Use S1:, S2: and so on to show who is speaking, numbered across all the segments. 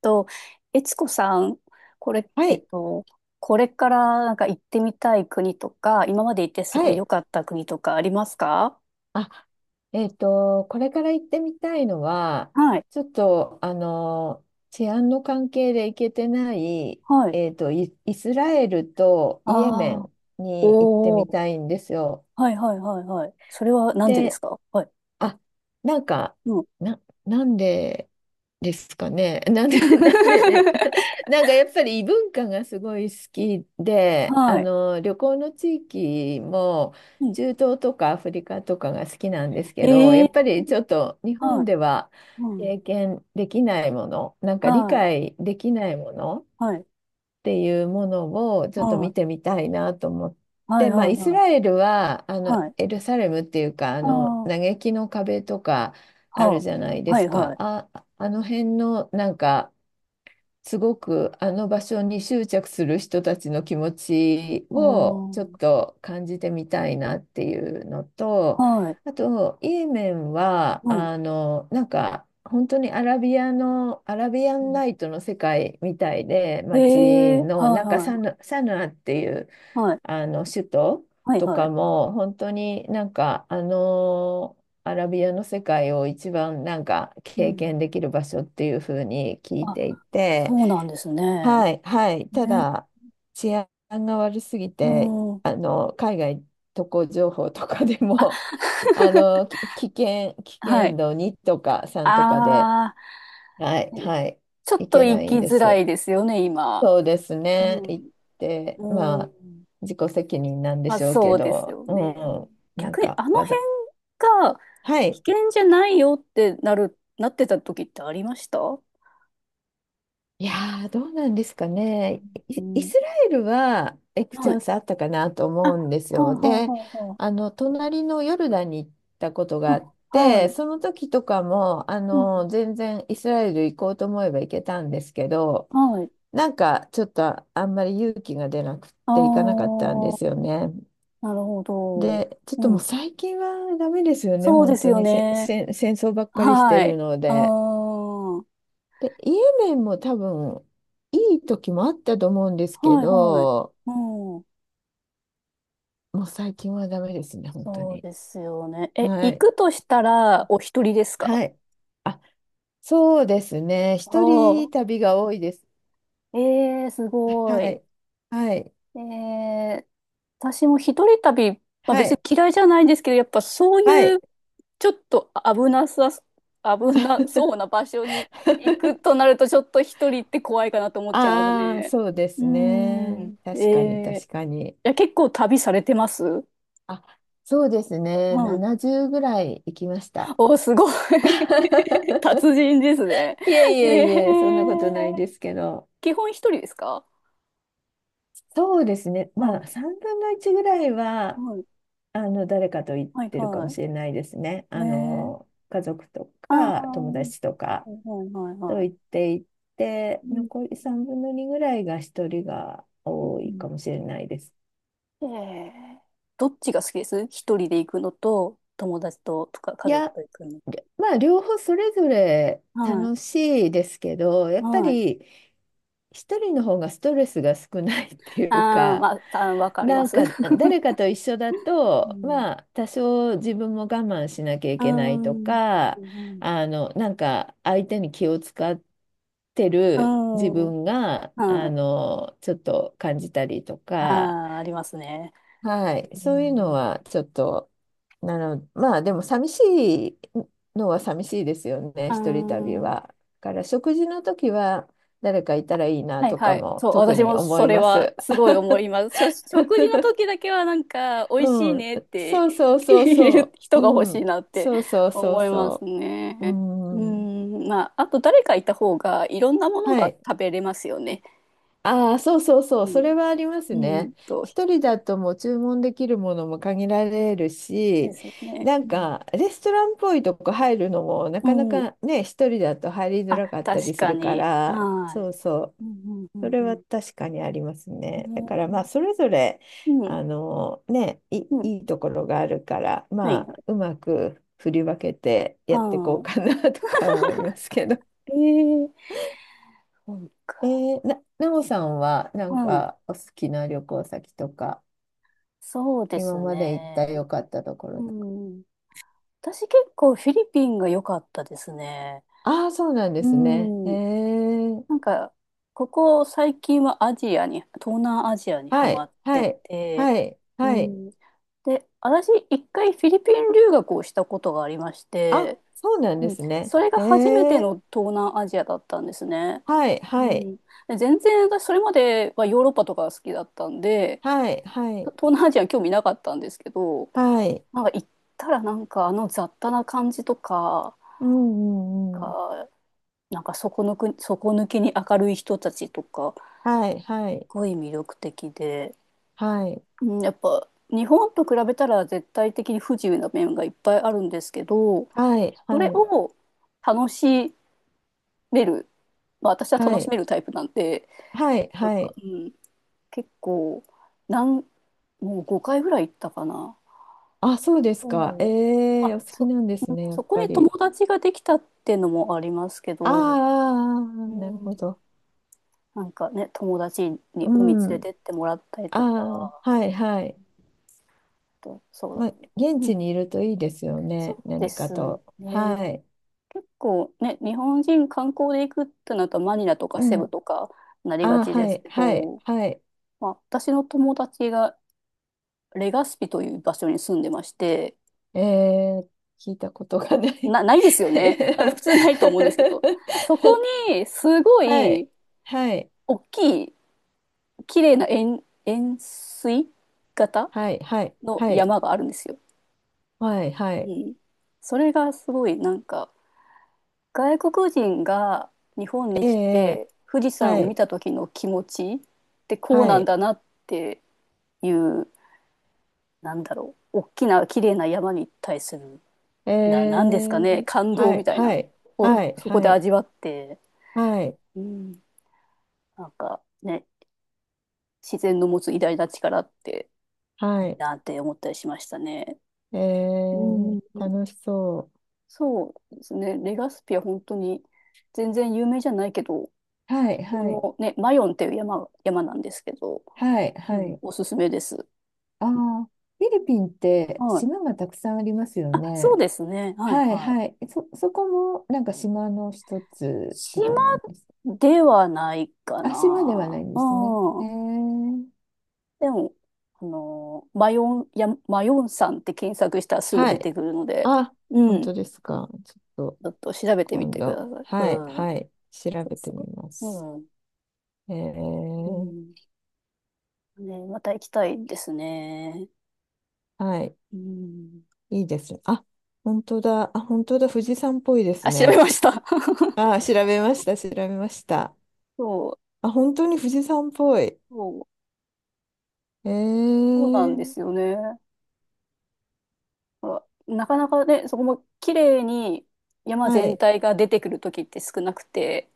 S1: と、えつこさん、これ、
S2: は
S1: えっ
S2: い、
S1: と、これからなんか行ってみたい国とか、今まで行ってす
S2: は
S1: ごい
S2: い。
S1: 良かった国とかありますか？
S2: あ、これから行ってみたいのは、
S1: はい。
S2: ちょっと、治安の関係で行けてない、
S1: はい。
S2: イスラエルとイエメ
S1: ああ、
S2: ンに行って
S1: お
S2: み
S1: お、
S2: たいんですよ。
S1: はいはいはいはい。それはなんでです
S2: で、
S1: か？はい。
S2: あ、なんか、
S1: うん。
S2: なんでですかね。なんで、なんで、なんかやっぱり異文化がすごい好きで、
S1: はい。
S2: 旅行の地域も
S1: うん。
S2: 中東とかアフリカとかが好きなんですけど、や
S1: え
S2: っ
S1: え、
S2: ぱりちょっと日
S1: は
S2: 本
S1: い。
S2: では
S1: うん。
S2: 経験できないもの、なんか理
S1: はい。
S2: 解できないもの
S1: はい。
S2: っていうものをちょっと
S1: は
S2: 見
S1: い。
S2: てみたいなと思っ
S1: はい
S2: て、まあ、
S1: はい
S2: イス
S1: はい。
S2: ラエルはあの
S1: はい。
S2: エルサレムっていうかあ
S1: あ
S2: の
S1: あ、
S2: 嘆きの壁とかあ
S1: は
S2: るじゃない
S1: あ。
S2: で
S1: は
S2: す
S1: い
S2: か。
S1: はい。
S2: あ、あの辺のなんかすごくあの場所に執着する人たちの気持ちを
S1: お
S2: ちょっ
S1: ー。
S2: と感じてみたいなっていうのと、
S1: はい。
S2: あと、イーメンは、
S1: はい。
S2: なんか、本当にアラビアの、アラビア
S1: う
S2: ン
S1: ん、
S2: ナイトの世界みたいで、
S1: ええ、
S2: 街の、
S1: はい
S2: なんか
S1: は
S2: サ
S1: い。
S2: ヌ、サヌアっていう、
S1: はい。
S2: 首都
S1: はい
S2: と
S1: は
S2: か
S1: い。
S2: も、本当になんか、アラビアの世界を一番なんか
S1: う
S2: 経
S1: ん。
S2: 験できる場所っていうふうに聞い
S1: あ、
S2: てい
S1: そ
S2: て、
S1: うなんですね。
S2: はいはい、た
S1: ね。
S2: だ治安が悪すぎて、
S1: うん。
S2: 海外渡航情報とかで
S1: あ、
S2: も あ のき危険、危
S1: は
S2: 険
S1: い。
S2: 度2とか3とかで、
S1: あ
S2: はい
S1: あ、
S2: はい、
S1: ちょっ
S2: い
S1: と
S2: け
S1: 行
S2: ない
S1: き
S2: んで
S1: づら
S2: す。
S1: いですよね、今。
S2: そうですね、
S1: う
S2: 行っ
S1: ん。
S2: て、ま
S1: う
S2: あ、
S1: ん。
S2: 自己責任なんで
S1: まあ、
S2: しょうけ
S1: そうです
S2: ど、
S1: よね。
S2: うん、なん
S1: 逆に、
S2: か
S1: あの
S2: わざ、
S1: 辺が
S2: は
S1: 危
S2: い。
S1: 険じゃないよってなる、なってた時ってありました？う
S2: いやー、どうなんですかね。イ、イ
S1: ん。
S2: スラエルは行くチ
S1: は
S2: ャ
S1: い。
S2: ンスあったかなと
S1: あ、
S2: 思
S1: は
S2: うんです
S1: あ、
S2: よ。で、
S1: はあ、は
S2: 隣のヨルダンに行ったこと
S1: あ、
S2: があ
S1: は
S2: っ
S1: あ。あ、は
S2: て、
S1: い。
S2: その時とかも、
S1: うん。
S2: 全然イスラエル行こうと思えば行けたんですけど、
S1: はい。
S2: なんかちょっとあんまり勇気が出なくって行かなかっ
S1: あ
S2: たんですよね。
S1: あ、なるほど。
S2: で、ちょっと
S1: う
S2: もう
S1: ん。
S2: 最近はダメですよね、
S1: そうで
S2: 本
S1: す
S2: 当
S1: よ
S2: にせ、
S1: ね。
S2: せん戦争ばっかりして
S1: は
S2: る
S1: い。
S2: の
S1: あ
S2: で。
S1: あ、はい
S2: で、イエメンも多分、いい時もあったと思うんですけ
S1: はい。
S2: ど、
S1: うん。
S2: もう最近はダメですね、本当
S1: そう
S2: に。
S1: ですよね。え、
S2: は
S1: 行
S2: い。
S1: くとしたら、お一人ですか？
S2: はい。あ、そうですね。一
S1: お
S2: 人
S1: ー。
S2: 旅が多いです。
S1: ええ、す
S2: は
S1: ごい。
S2: い。はい。
S1: ええ、私も一人旅、まあ
S2: は
S1: 別に
S2: い。
S1: 嫌いじゃないんですけど、やっぱそう
S2: は
S1: い
S2: い。
S1: う、ちょっと危なそうな場所に行くと なると、ちょっと一人って怖いかなと思っちゃいます
S2: ああ、
S1: ね。
S2: そうで
S1: うー
S2: す
S1: ん。
S2: ね。
S1: え
S2: 確かに、
S1: え、
S2: 確かに。
S1: いや、結構旅されてます？
S2: あ、そうですね。
S1: はい。
S2: 70ぐらい行きました。
S1: お、すごい 達 人ですね。
S2: いえい
S1: ええ、
S2: えいえ、そんなことないですけど。
S1: 基本一人ですか？
S2: そうですね。ま
S1: は
S2: あ、3分の1ぐらい
S1: い。
S2: は、
S1: はい。
S2: 誰かと行っ
S1: はい
S2: てるかも
S1: は
S2: しれないですね。
S1: い。ええ、
S2: 家族と
S1: ああ
S2: か、友
S1: ー、
S2: 達とか
S1: はいはいはいええああいはいはい
S2: と
S1: は
S2: 行っていて、
S1: いうん
S2: 残り3分の2ぐらいが1人が
S1: う
S2: 多いか
S1: ん
S2: もしれないです。
S1: うんええ、どっちが好きです？一人で行くのと、友達と、とか
S2: い
S1: 家族
S2: や、
S1: と行くの。
S2: まあ、両方それぞれ
S1: はい。
S2: 楽しいですけど、やっぱ
S1: はい。
S2: り一人の方がストレスが少ないっていう
S1: ああ、
S2: か、
S1: まあ、たわかりま
S2: なん
S1: す。
S2: か誰か と一緒だ
S1: う
S2: と、
S1: ん。
S2: まあ、多少自分も我慢しなきゃ い
S1: う
S2: けないと
S1: ん。う
S2: か、
S1: ん。
S2: なんか相手に気を使って
S1: う
S2: る自
S1: ん。
S2: 分が、
S1: はい。
S2: ちょっと感じたりと
S1: あ
S2: か。
S1: あ、ありますね。
S2: はい、
S1: う
S2: そういうの
S1: ん、
S2: はちょっと、なの、まあでも寂しいのは寂しいですよね、
S1: あ
S2: 一人旅
S1: あ、
S2: は。だから食事の時は誰かいたらいいな
S1: はい
S2: とか
S1: はい。
S2: も
S1: そう、
S2: 特
S1: 私
S2: に
S1: も
S2: 思
S1: そ
S2: い
S1: れ
S2: ま
S1: は
S2: す。
S1: すごい思います。食事の時だけはなん か、美味しい
S2: うん、
S1: ねっ
S2: そう
S1: て
S2: そう そう
S1: 言える
S2: そ
S1: 人
S2: う、
S1: が欲
S2: う
S1: しい
S2: ん、
S1: なって
S2: そうそうそう
S1: 思います
S2: そう、う
S1: ね。う
S2: ん、
S1: ん、まあ、あと誰かいた方がいろんなもの
S2: は
S1: が
S2: い。
S1: 食べれますよね。
S2: ああ、そうそうそう、
S1: う
S2: それ
S1: ん。
S2: はあります
S1: うん
S2: ね。
S1: と、
S2: 一人だともう注文できるものも限られる
S1: で
S2: し、
S1: すよね。
S2: な
S1: う
S2: ん
S1: ん。
S2: かレストランっぽいとこ入るのもな
S1: う
S2: かな
S1: ん。
S2: かね、一人だと入りづ
S1: あ、
S2: らかったり
S1: 確
S2: す
S1: か
S2: るか
S1: に。
S2: ら、
S1: は
S2: そうそう、
S1: い。うんう
S2: そ
S1: ん
S2: れ
S1: う
S2: は
S1: ん
S2: 確かにあります
S1: う
S2: ね。だ
S1: ん。
S2: からま
S1: ね、
S2: あ、それぞれ、
S1: うん。
S2: い、
S1: うん。
S2: いいところがあるから、
S1: はい。
S2: まあ、うまく振り分けてやっ
S1: は
S2: ていこうかな とか思いますけど。
S1: い。えー、そうか。
S2: なおさんは、なんか、お好きな旅行先とか、
S1: そうで
S2: 今
S1: す
S2: まで行った
S1: ね。
S2: 良かったとこ
S1: う
S2: ろとか。
S1: ん。私結構フィリピンが良かったですね。
S2: ああ、そうなんで
S1: う
S2: すね。
S1: ん。なんか、ここ最近はアジアに、東南アジアにハ
S2: は
S1: マ
S2: い、
S1: って
S2: はい、
S1: て、
S2: はい、
S1: う
S2: はい。
S1: ん。で、私一回フィリピン留学をしたことがありまし
S2: あ、
S1: て、
S2: そうなんで
S1: うん。
S2: すね。
S1: それが初めての東南アジアだったんですね。
S2: はい、
S1: う
S2: はい、
S1: ん。で全然私それまではヨーロッパとかが好きだったんで、
S2: はい、はい、
S1: 東南アジア興味なかったんですけど、
S2: はい。
S1: なんか行ったらなんかあの雑多な感じとか、
S2: うん、うん、うん。
S1: がなんか底抜けに明るい人たちとか、す
S2: はい、はい、
S1: ごい魅力的で、
S2: はい、
S1: うん、やっぱ日本と比べたら絶対的に不自由な面がいっぱいあるんですけど、
S2: はい、
S1: それ
S2: はい、
S1: を楽しめる、まあ、私は
S2: は
S1: 楽し
S2: い、
S1: めるタイプなんで、
S2: はい、
S1: なん
S2: は
S1: か、
S2: い。
S1: うん、結構、なん、もう5回ぐらい行ったかな。
S2: あ、そうですか。
S1: そう。
S2: お好き
S1: うん、
S2: なんですね、や
S1: そ
S2: っ
S1: こ
S2: ぱ
S1: に友
S2: り。
S1: 達ができたっていうのもありますけ
S2: あーあ
S1: ど、
S2: ー、
S1: う
S2: あーなるほ
S1: ん、
S2: ど。
S1: なんかね、友達に
S2: う
S1: 海連れ
S2: ん。
S1: てってもらったり
S2: あ
S1: とか、
S2: あ、
S1: あ
S2: はいはい。
S1: と、そうだ。
S2: まあ、現
S1: う
S2: 地
S1: ん、
S2: にいるといいですよね。
S1: そうで
S2: 何か
S1: す
S2: と。
S1: ね。
S2: はい。
S1: 結構ね、日本人観光で行くってなるとマニラとか
S2: う
S1: セ
S2: ん。
S1: ブとかなりが
S2: ああ、
S1: ち
S2: は
S1: です
S2: い
S1: け
S2: はい
S1: ど、
S2: はい。
S1: まあ、私の友達がレガスピという場所に住んでまして、
S2: えー、聞いたことがない。
S1: ないですよね。多分普通ないと思うんですけど、そこにすご
S2: はい。
S1: い
S2: はい。
S1: 大きい綺麗な円錐型
S2: はい。はい。
S1: の
S2: はい。
S1: 山があるんですよ。
S2: はい。は
S1: う
S2: い。
S1: ん。それがすごいなんか外国人が日本に
S2: え
S1: 来
S2: え
S1: て富士山
S2: は
S1: を見
S2: い。
S1: た時の気持ちってこう
S2: は
S1: なん
S2: い。
S1: だなっていう、なんだろう、大きな綺麗な山に対する、
S2: え
S1: な、なんですか
S2: え
S1: ね、感動
S2: は
S1: み
S2: い。
S1: たい
S2: は
S1: な
S2: い。
S1: を
S2: はい。
S1: そこ
S2: は
S1: で
S2: い。
S1: 味わって、
S2: はい。
S1: うん、なんかね、自然の持つ偉大な力って
S2: は
S1: いい
S2: い。
S1: なって思ったりしましたね。
S2: え
S1: うんうん
S2: え
S1: うん、
S2: 楽しそう。
S1: そうですね。レガスピは本当に全然有名じゃないけど、
S2: はい。
S1: こ
S2: はい。
S1: のね、マヨンっていう山なんですけど、
S2: はい、
S1: う
S2: は
S1: ん、
S2: い。
S1: おすすめです。
S2: ああ、フィリピンって
S1: はい。
S2: 島がたくさんありますよ
S1: あ、そう
S2: ね。
S1: ですね。はい
S2: はい、
S1: はい。
S2: はい。そこもなんか島の一つと
S1: 島
S2: かなんですか。
S1: ではないか
S2: あ、島ではな
S1: な。
S2: いんですね。
S1: う
S2: へ
S1: ん。
S2: え。
S1: でも、あのー、マヨンさんって検索したらすぐ
S2: は
S1: 出
S2: い。
S1: てくるので、
S2: あ、
S1: う
S2: 本
S1: ん。
S2: 当
S1: ち
S2: ですか。ちょっと
S1: ょっと調べてみ
S2: 今
S1: てくだ
S2: 度、
S1: さい。う
S2: はい、
S1: ん。
S2: はい、調
S1: そう
S2: べてみ
S1: そ
S2: ま
S1: う。
S2: す。
S1: うん。
S2: え
S1: う
S2: ー、
S1: ん。ね、また行きたいですね。
S2: はい、
S1: うん。
S2: いいですね。あ、本当だ。あ、本当だ。富士山っぽいです
S1: あ、調べ
S2: ね。
S1: ました。
S2: あ、調べました、調べました。
S1: そう、
S2: あ、本当に富士山っぽい。
S1: そう、
S2: え
S1: そうなんで
S2: ー、
S1: すよね。ほら、なかなかね、そこも綺麗に山
S2: は
S1: 全
S2: い。
S1: 体が出てくる時って少なくて、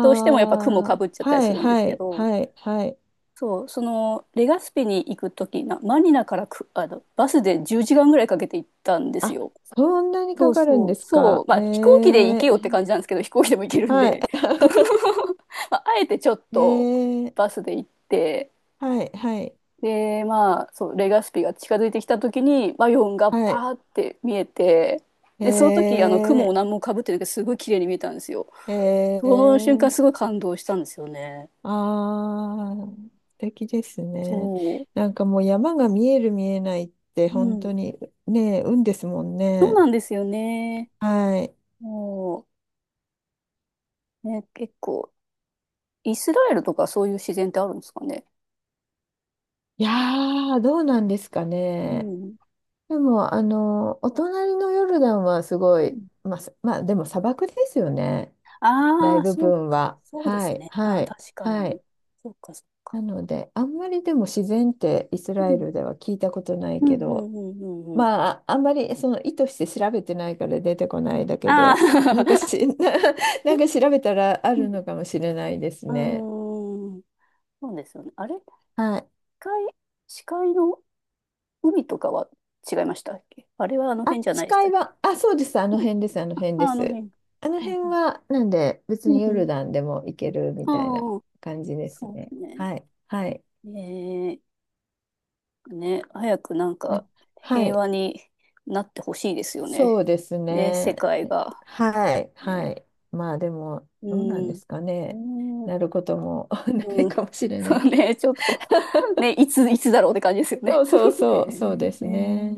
S1: どうしてもやっぱ雲か
S2: あ、
S1: ぶっちゃったり
S2: は
S1: す
S2: い
S1: るんで
S2: は
S1: すけ
S2: い
S1: ど、
S2: はいはい。
S1: そう、そのレガスピに行く時な、マニラからく、あの、バスで10時間ぐらいかけて行ったんです
S2: あ、
S1: よ。
S2: そんなに
S1: そ
S2: か
S1: う
S2: かるん
S1: そ
S2: で
S1: う、
S2: す
S1: そう、
S2: か。
S1: ま
S2: へ
S1: あ飛行機で行け
S2: え、
S1: よって感じなんですけど、飛行機でも行けるん
S2: は
S1: で、
S2: い。
S1: まあ、あえてちょっ
S2: え
S1: と
S2: ー、
S1: バスで行って、
S2: はいはい
S1: で、まあ、そう、レガスピが近づいてきた時に、バイオンが
S2: はい。
S1: パーって見えて、で、その時、あの、雲
S2: え
S1: を何もかぶってなくて、すごい綺麗に見えたんですよ。
S2: ー、え
S1: その瞬間、
S2: ー、
S1: すごい感動したんですよね。
S2: あー素敵ですね。
S1: そ
S2: なんかもう山が見える見えないって
S1: う。う
S2: 本当
S1: ん。
S2: にね、運ですもん
S1: そう
S2: ね。
S1: なんですよね。
S2: はい。
S1: もう、ね、結構、イスラエルとかそういう自然ってあるんですかね。
S2: いやー、どうなんですか
S1: う
S2: ね。
S1: ん。
S2: でも、お隣のヨルダンはすご
S1: う
S2: い、
S1: ん、
S2: まあ、まあ、でも砂漠ですよね。
S1: ああ
S2: 大
S1: ー、
S2: 部
S1: そう
S2: 分
S1: か。
S2: は。
S1: そうで
S2: は
S1: す
S2: い、
S1: ね。あ
S2: は
S1: あ、
S2: い、
S1: 確か
S2: は
S1: に。
S2: い。
S1: そうか、そう
S2: な
S1: か。
S2: ので、あんまりでも自然ってイスラ
S1: う
S2: エル
S1: ん。
S2: では聞いたことない
S1: う
S2: け
S1: ん、う
S2: ど、
S1: ん、うん、うん。うん、
S2: まあ、ああんまりその意図して調べてないから出てこないだけ
S1: あ
S2: で、なんかし、
S1: あ。
S2: なんか調べたらあるの かもしれないです
S1: う
S2: ね。
S1: ーん。そうですよね。あれ、
S2: はい。
S1: 界、視界の海とかは違いましたっけ？あれはあの
S2: あ、
S1: 辺じゃないでし
S2: 近
S1: たっ
S2: い
S1: け？
S2: は、あ、そうです。あの
S1: う
S2: 辺
S1: ん。
S2: です。あの
S1: あ、
S2: 辺
S1: あ
S2: で
S1: あの
S2: す。
S1: 辺。
S2: あの
S1: うん
S2: 辺
S1: うん。
S2: は、なんで、別
S1: う
S2: に
S1: ん
S2: ヨ
S1: う
S2: ル
S1: ん、
S2: ダンでも行けるみ
S1: あ
S2: たいな
S1: あ、
S2: 感じです
S1: そうで
S2: ね。
S1: すね。
S2: はい。はい。
S1: えー、ね、早くなん
S2: う
S1: か
S2: んは
S1: 平
S2: い。
S1: 和になってほしいですよ
S2: そう
S1: ね。
S2: です
S1: ね、世
S2: ね。
S1: 界が。
S2: はい。は
S1: ね、
S2: い。まあ、でも、
S1: う
S2: どうなんで
S1: ん。
S2: すか
S1: う
S2: ね。
S1: ん。うん。
S2: なることも ないかもしれな
S1: そ
S2: い
S1: う
S2: けど。
S1: ね、ちょっと、ね、いつだろうって感じですよ
S2: そ
S1: ね。
S2: うそう
S1: ね、
S2: そう。そうです
S1: ね。
S2: ね。